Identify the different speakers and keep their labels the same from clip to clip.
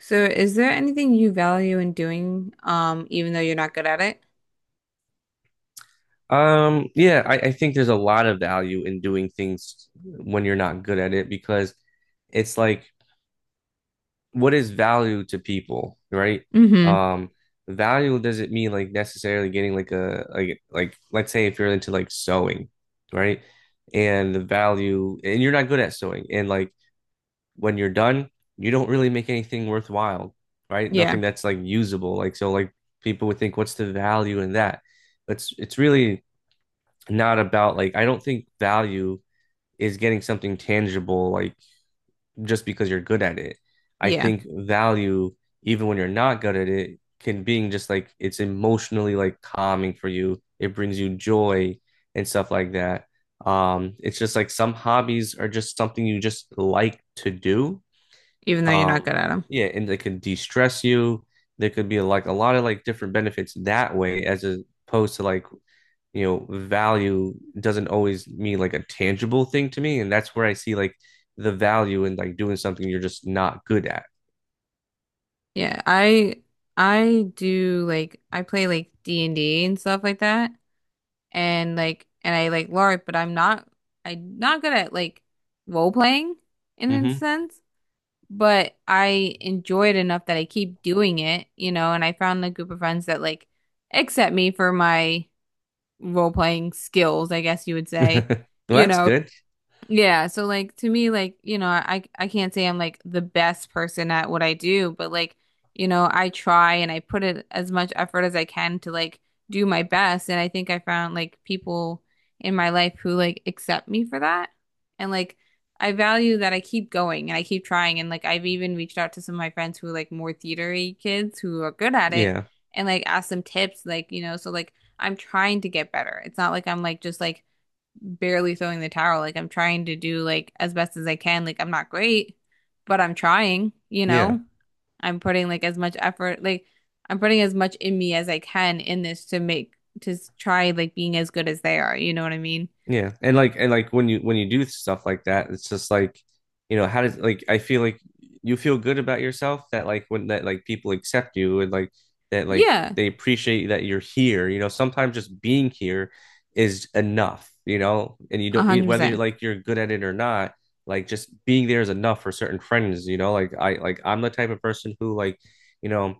Speaker 1: So is there anything you value in doing, even though you're not good at it?
Speaker 2: Yeah, I think there's a lot of value in doing things when you're not good at it because it's like, what is value to people, right?
Speaker 1: Hmm.
Speaker 2: Um, Value doesn't mean like necessarily getting like a like let's say if you're into like sewing, right? And the value and you're not good at sewing and like when you're done, you don't really make anything worthwhile, right?
Speaker 1: Yeah.
Speaker 2: Nothing that's like usable. Like so like people would think, what's the value in that? It's really not about like, I don't think value is getting something tangible like just because you're good at it. I
Speaker 1: Yeah.
Speaker 2: think value, even when you're not good at it, can being just like it's emotionally like calming for you. It brings you joy and stuff like that. It's just like some hobbies are just something you just like to do.
Speaker 1: Even though you're not good
Speaker 2: Um,
Speaker 1: at them.
Speaker 2: yeah, and they can de-stress you. There could be like a lot of like different benefits that way, as opposed to like, you know, value doesn't always mean like a tangible thing to me. And that's where I see like the value in like doing something you're just not good at.
Speaker 1: Yeah. I do like I play like D&D and D and stuff like that. And like and I like LARP, but I'm not good at like role playing in a
Speaker 2: Hmm.
Speaker 1: sense. But I enjoy it enough that I keep doing it, you know, and I found a group of friends that like accept me for my role playing skills, I guess you would say.
Speaker 2: Well,
Speaker 1: You
Speaker 2: that's
Speaker 1: know,
Speaker 2: good.
Speaker 1: yeah, so like to me, like, I can't say I'm like the best person at what I do, but like, I try and I put it as much effort as I can to like do my best. And I think I found like people in my life who like accept me for that. And like I value that I keep going and I keep trying. And like I've even reached out to some of my friends who are like more theatery kids who are good at it
Speaker 2: Yeah.
Speaker 1: and like asked them tips, like, so like I'm trying to get better. It's not like I'm like just like barely throwing the towel. Like I'm trying to do like as best as I can. Like I'm not great, but I'm trying.
Speaker 2: Yeah.
Speaker 1: I'm putting like as much effort, like I'm putting as much in me as I can in this to make to try like being as good as they are. You know what I mean?
Speaker 2: Yeah, and like, and like when you, when you do stuff like that, it's just like, you know, how does like, I feel like you feel good about yourself that like when that like people accept you and like that like
Speaker 1: Yeah,
Speaker 2: they appreciate that you're here. You know, sometimes just being here is enough, you know, and you
Speaker 1: a
Speaker 2: don't
Speaker 1: hundred
Speaker 2: whether you're
Speaker 1: percent.
Speaker 2: like you're good at it or not, like just being there is enough for certain friends, you know, like I like, I'm the type of person who like, you know,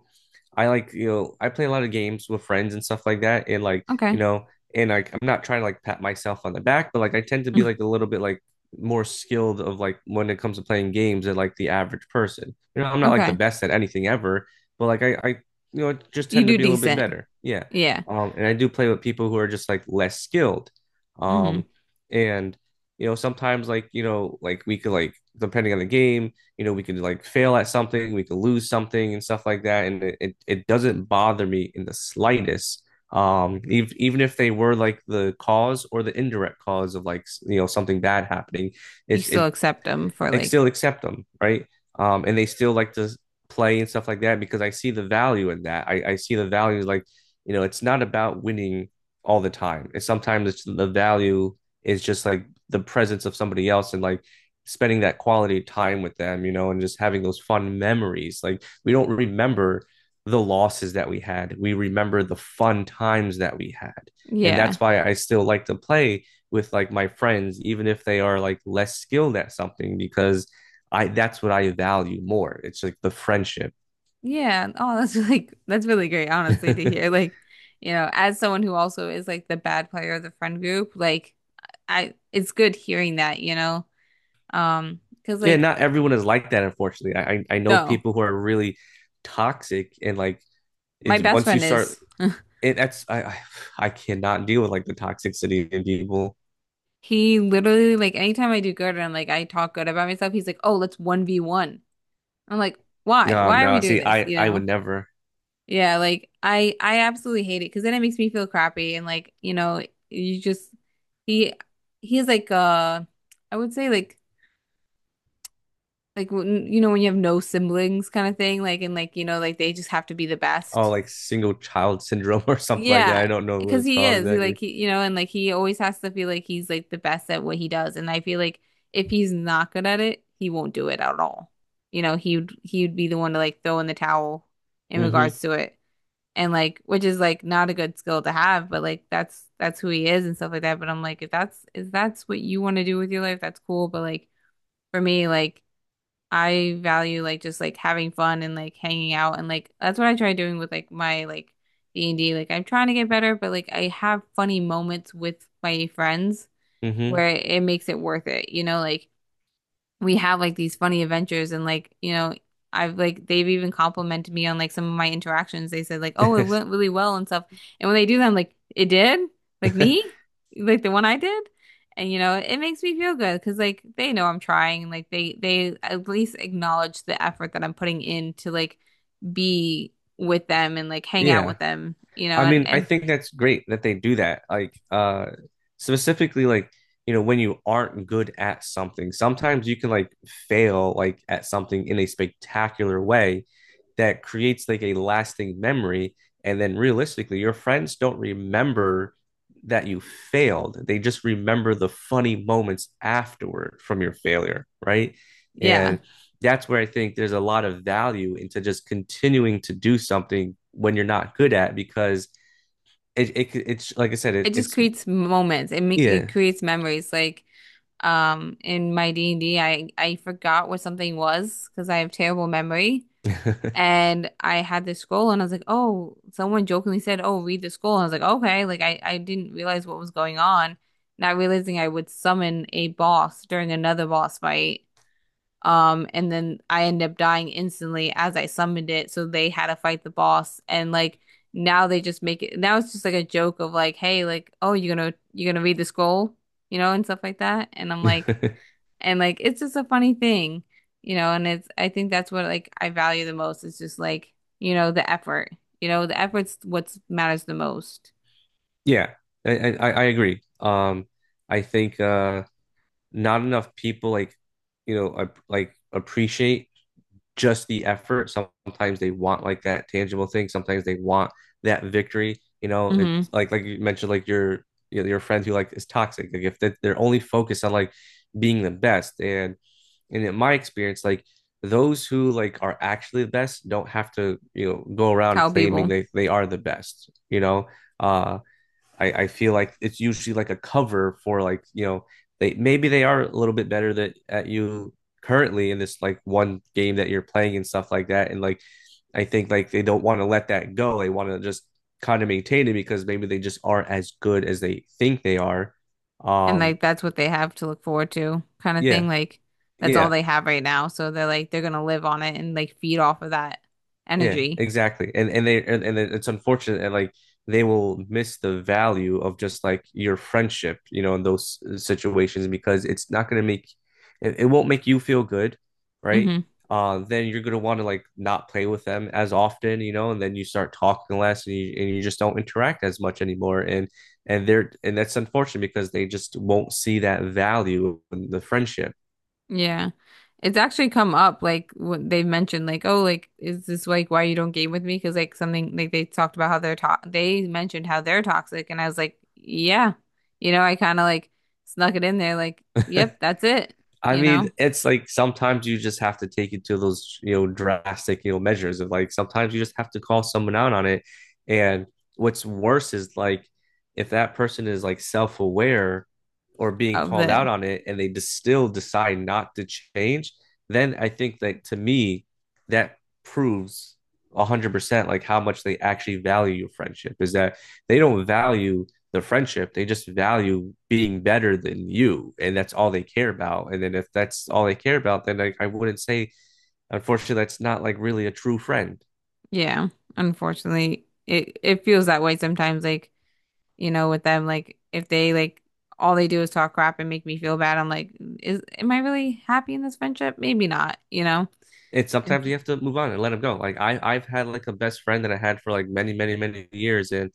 Speaker 2: I like, you know, I play a lot of games with friends and stuff like that and like, you
Speaker 1: Okay,
Speaker 2: know, and like I'm not trying to like pat myself on the back, but like I tend to be like a little bit like more skilled of like when it comes to playing games than like the average person. You know, I'm not like the
Speaker 1: okay.
Speaker 2: best at anything ever, but like I you know just
Speaker 1: You
Speaker 2: tend to
Speaker 1: do
Speaker 2: be a little bit
Speaker 1: decent.
Speaker 2: better. Yeah.
Speaker 1: Yeah.
Speaker 2: And I do play with people who are just like less skilled. Um,
Speaker 1: Mm-hmm.
Speaker 2: and you know, sometimes like, you know, like we could like depending on the game, you know, we could like fail at something, we could lose something and stuff like that. And it doesn't bother me in the slightest, um, even if they were like the cause or the indirect cause of like, you know, something bad happening,
Speaker 1: You
Speaker 2: it's
Speaker 1: still
Speaker 2: it
Speaker 1: accept them for
Speaker 2: and
Speaker 1: like,
Speaker 2: still accept them, right? And they still like to play and stuff like that because I see the value in that. I see the value like, you know, it's not about winning all the time. It's sometimes it's the value is just like the presence of somebody else and like spending that quality time with them, you know, and just having those fun memories. Like we don't remember the losses that we had. We remember the fun times that we had. And
Speaker 1: yeah.
Speaker 2: that's why I still like to play with like my friends, even if they are like less skilled at something, because I that's what I value more. It's like the friendship.
Speaker 1: Yeah. Oh, that's like that's really great, honestly, to hear. Like, as someone who also is like the bad player of the friend group, like I it's good hearing that. 'Cause
Speaker 2: Yeah,
Speaker 1: like
Speaker 2: not everyone is like that, unfortunately. I know
Speaker 1: no,
Speaker 2: people who are really toxic and like
Speaker 1: my
Speaker 2: it,
Speaker 1: best
Speaker 2: once you
Speaker 1: friend
Speaker 2: start
Speaker 1: is
Speaker 2: it, that's I cannot deal with like the toxicity in people.
Speaker 1: he literally like anytime I do good and like I talk good about myself, he's like, "Oh, let's 1v1." I'm like, "Why?
Speaker 2: No,
Speaker 1: Why are we
Speaker 2: no.
Speaker 1: doing
Speaker 2: See,
Speaker 1: this?"
Speaker 2: I
Speaker 1: You
Speaker 2: I would
Speaker 1: know?
Speaker 2: never.
Speaker 1: Yeah, like I absolutely hate it because then it makes me feel crappy and like, you just he he's like I would say like when, when you have no siblings kind of thing, like and like like they just have to be the
Speaker 2: Oh,
Speaker 1: best.
Speaker 2: like single child syndrome, or something like that.
Speaker 1: Yeah,
Speaker 2: I don't know what
Speaker 1: because
Speaker 2: it's
Speaker 1: he
Speaker 2: called
Speaker 1: is. He
Speaker 2: exactly.
Speaker 1: like he, you know, and like he always has to feel like he's like the best at what he does. And I feel like if he's not good at it, he won't do it at all. You know, he would be the one to like throw in the towel in
Speaker 2: Mm-hmm.
Speaker 1: regards to it. And like which is like not a good skill to have, but like that's who he is and stuff like that. But I'm like if that's what you want to do with your life, that's cool, but like for me, like I value like just like having fun and like hanging out and like that's what I try doing with like my like D&D. Like I'm trying to get better, but like I have funny moments with my friends where it makes it worth it. You know, like we have like these funny adventures and like I've like they've even complimented me on like some of my interactions, they said like, oh, it
Speaker 2: Mm-hmm.
Speaker 1: went really well and stuff, and when they do that I'm like, it did, like me, like the one I did, and it makes me feel good because like they know I'm trying and like they at least acknowledge the effort that I'm putting in to like be with them and like hang out
Speaker 2: Yeah.
Speaker 1: with them.
Speaker 2: I
Speaker 1: and
Speaker 2: mean, I
Speaker 1: and
Speaker 2: think that's great that they do that. Like, specifically, like, you know, when you aren't good at something, sometimes you can like fail like at something in a spectacular way that creates like a lasting memory. And then realistically, your friends don't remember that you failed. They just remember the funny moments afterward from your failure, right?
Speaker 1: yeah,
Speaker 2: And that's where I think there's a lot of value into just continuing to do something when you're not good at because it's like I said, it,
Speaker 1: it just
Speaker 2: it's
Speaker 1: creates moments,
Speaker 2: yeah,
Speaker 1: it creates memories, like in my D&D, I forgot what something was because I have terrible memory, and I had this scroll, and I was like, oh, someone jokingly said, oh, read the scroll, and I was like, okay, like I didn't realize what was going on, not realizing I would summon a boss during another boss fight, and then I end up dying instantly as I summoned it, so they had to fight the boss, and like now they just make it now it's just like a joke of like, hey, like, oh, you're gonna read the scroll, you know, and stuff like that, and I'm like, and like it's just a funny thing, you know, and it's I think that's what like I value the most. It's just like, the effort. You know, the effort's what matters the most.
Speaker 2: yeah. I agree. I think, not enough people like, you know, like appreciate just the effort. Sometimes they want like that tangible thing. Sometimes they want that victory. You know,
Speaker 1: Hmm.
Speaker 2: it's like you mentioned, like your, you know, your friend who like is toxic. Like if they, they're only focused on like being the best. And in my experience, like those who like are actually the best don't have to, you know, go around
Speaker 1: Tell
Speaker 2: claiming
Speaker 1: people.
Speaker 2: they are the best, you know. Uh, I feel like it's usually like a cover for like, you know, they maybe they are a little bit better that at you currently in this like one game that you're playing and stuff like that. And like I think like they don't want to let that go. They want to just kind of maintain it because maybe they just aren't as good as they think they are.
Speaker 1: And
Speaker 2: Um,
Speaker 1: like that's what they have to look forward to, kind of thing.
Speaker 2: yeah.
Speaker 1: Like, that's all
Speaker 2: Yeah.
Speaker 1: they have right now. So they're gonna live on it and like feed off of that
Speaker 2: Yeah,
Speaker 1: energy.
Speaker 2: exactly. And and it's unfortunate and like they will miss the value of just like your friendship, you know, in those situations because it's not going to make it, it won't make you feel good, right?
Speaker 1: Hmm.
Speaker 2: Then you're going to want to like not play with them as often, you know, and then you start talking less and you just don't interact as much anymore. And they're and that's unfortunate because they just won't see that value in the friendship.
Speaker 1: Yeah. It's actually come up, like what they've mentioned, like, oh, like, is this like why you don't game with me? Because like something, like they talked about how they mentioned how they're toxic, and I was like, yeah, I kind of like snuck it in there, like, yep, that's it
Speaker 2: I
Speaker 1: you
Speaker 2: mean,
Speaker 1: know
Speaker 2: it's like sometimes you just have to take it to those, you know, drastic, you know, measures of like sometimes you just have to call someone out on it. And what's worse is like if that person is like self-aware or being
Speaker 1: of
Speaker 2: called out
Speaker 1: the
Speaker 2: on it and they just still decide not to change, then I think that to me, that proves 100% like how much they actually value your friendship is that they don't value the friendship. They just value being better than you, and that's all they care about. And then if that's all they care about, then I wouldn't say, unfortunately, that's not like really a true friend.
Speaker 1: Yeah, unfortunately it feels that way sometimes, like, with them, like, if they like all they do is talk crap and make me feel bad, I'm like, is am I really happy in this friendship? Maybe not.
Speaker 2: And
Speaker 1: It's,
Speaker 2: sometimes you have to move on and let them go. Like I've had like a best friend that I had for like many, many, many years, and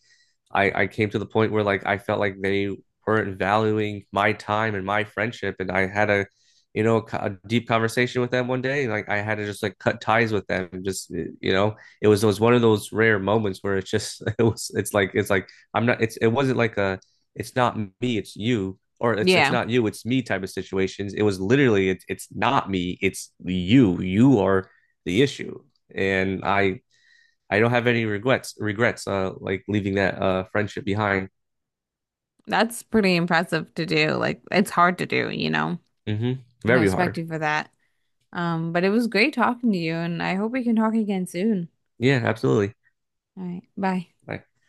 Speaker 2: I came to the point where like I felt like they weren't valuing my time and my friendship, and I had a you know a deep conversation with them one day, and like I had to just like cut ties with them, and just you know it was one of those rare moments where it's just it's like I'm not it's it wasn't like a it's not me, it's you. Or it's
Speaker 1: yeah,
Speaker 2: not you, it's me type of situations. It was literally it's not me, it's you. You are the issue. And I don't have any regrets, uh, like leaving that, uh, friendship behind.
Speaker 1: that's pretty impressive to do. Like, it's hard to do,
Speaker 2: Hmm.
Speaker 1: and I
Speaker 2: Very
Speaker 1: respect
Speaker 2: hard.
Speaker 1: you for that. But it was great talking to you, and I hope we can talk again soon.
Speaker 2: Yeah, absolutely.
Speaker 1: All right, bye.
Speaker 2: Like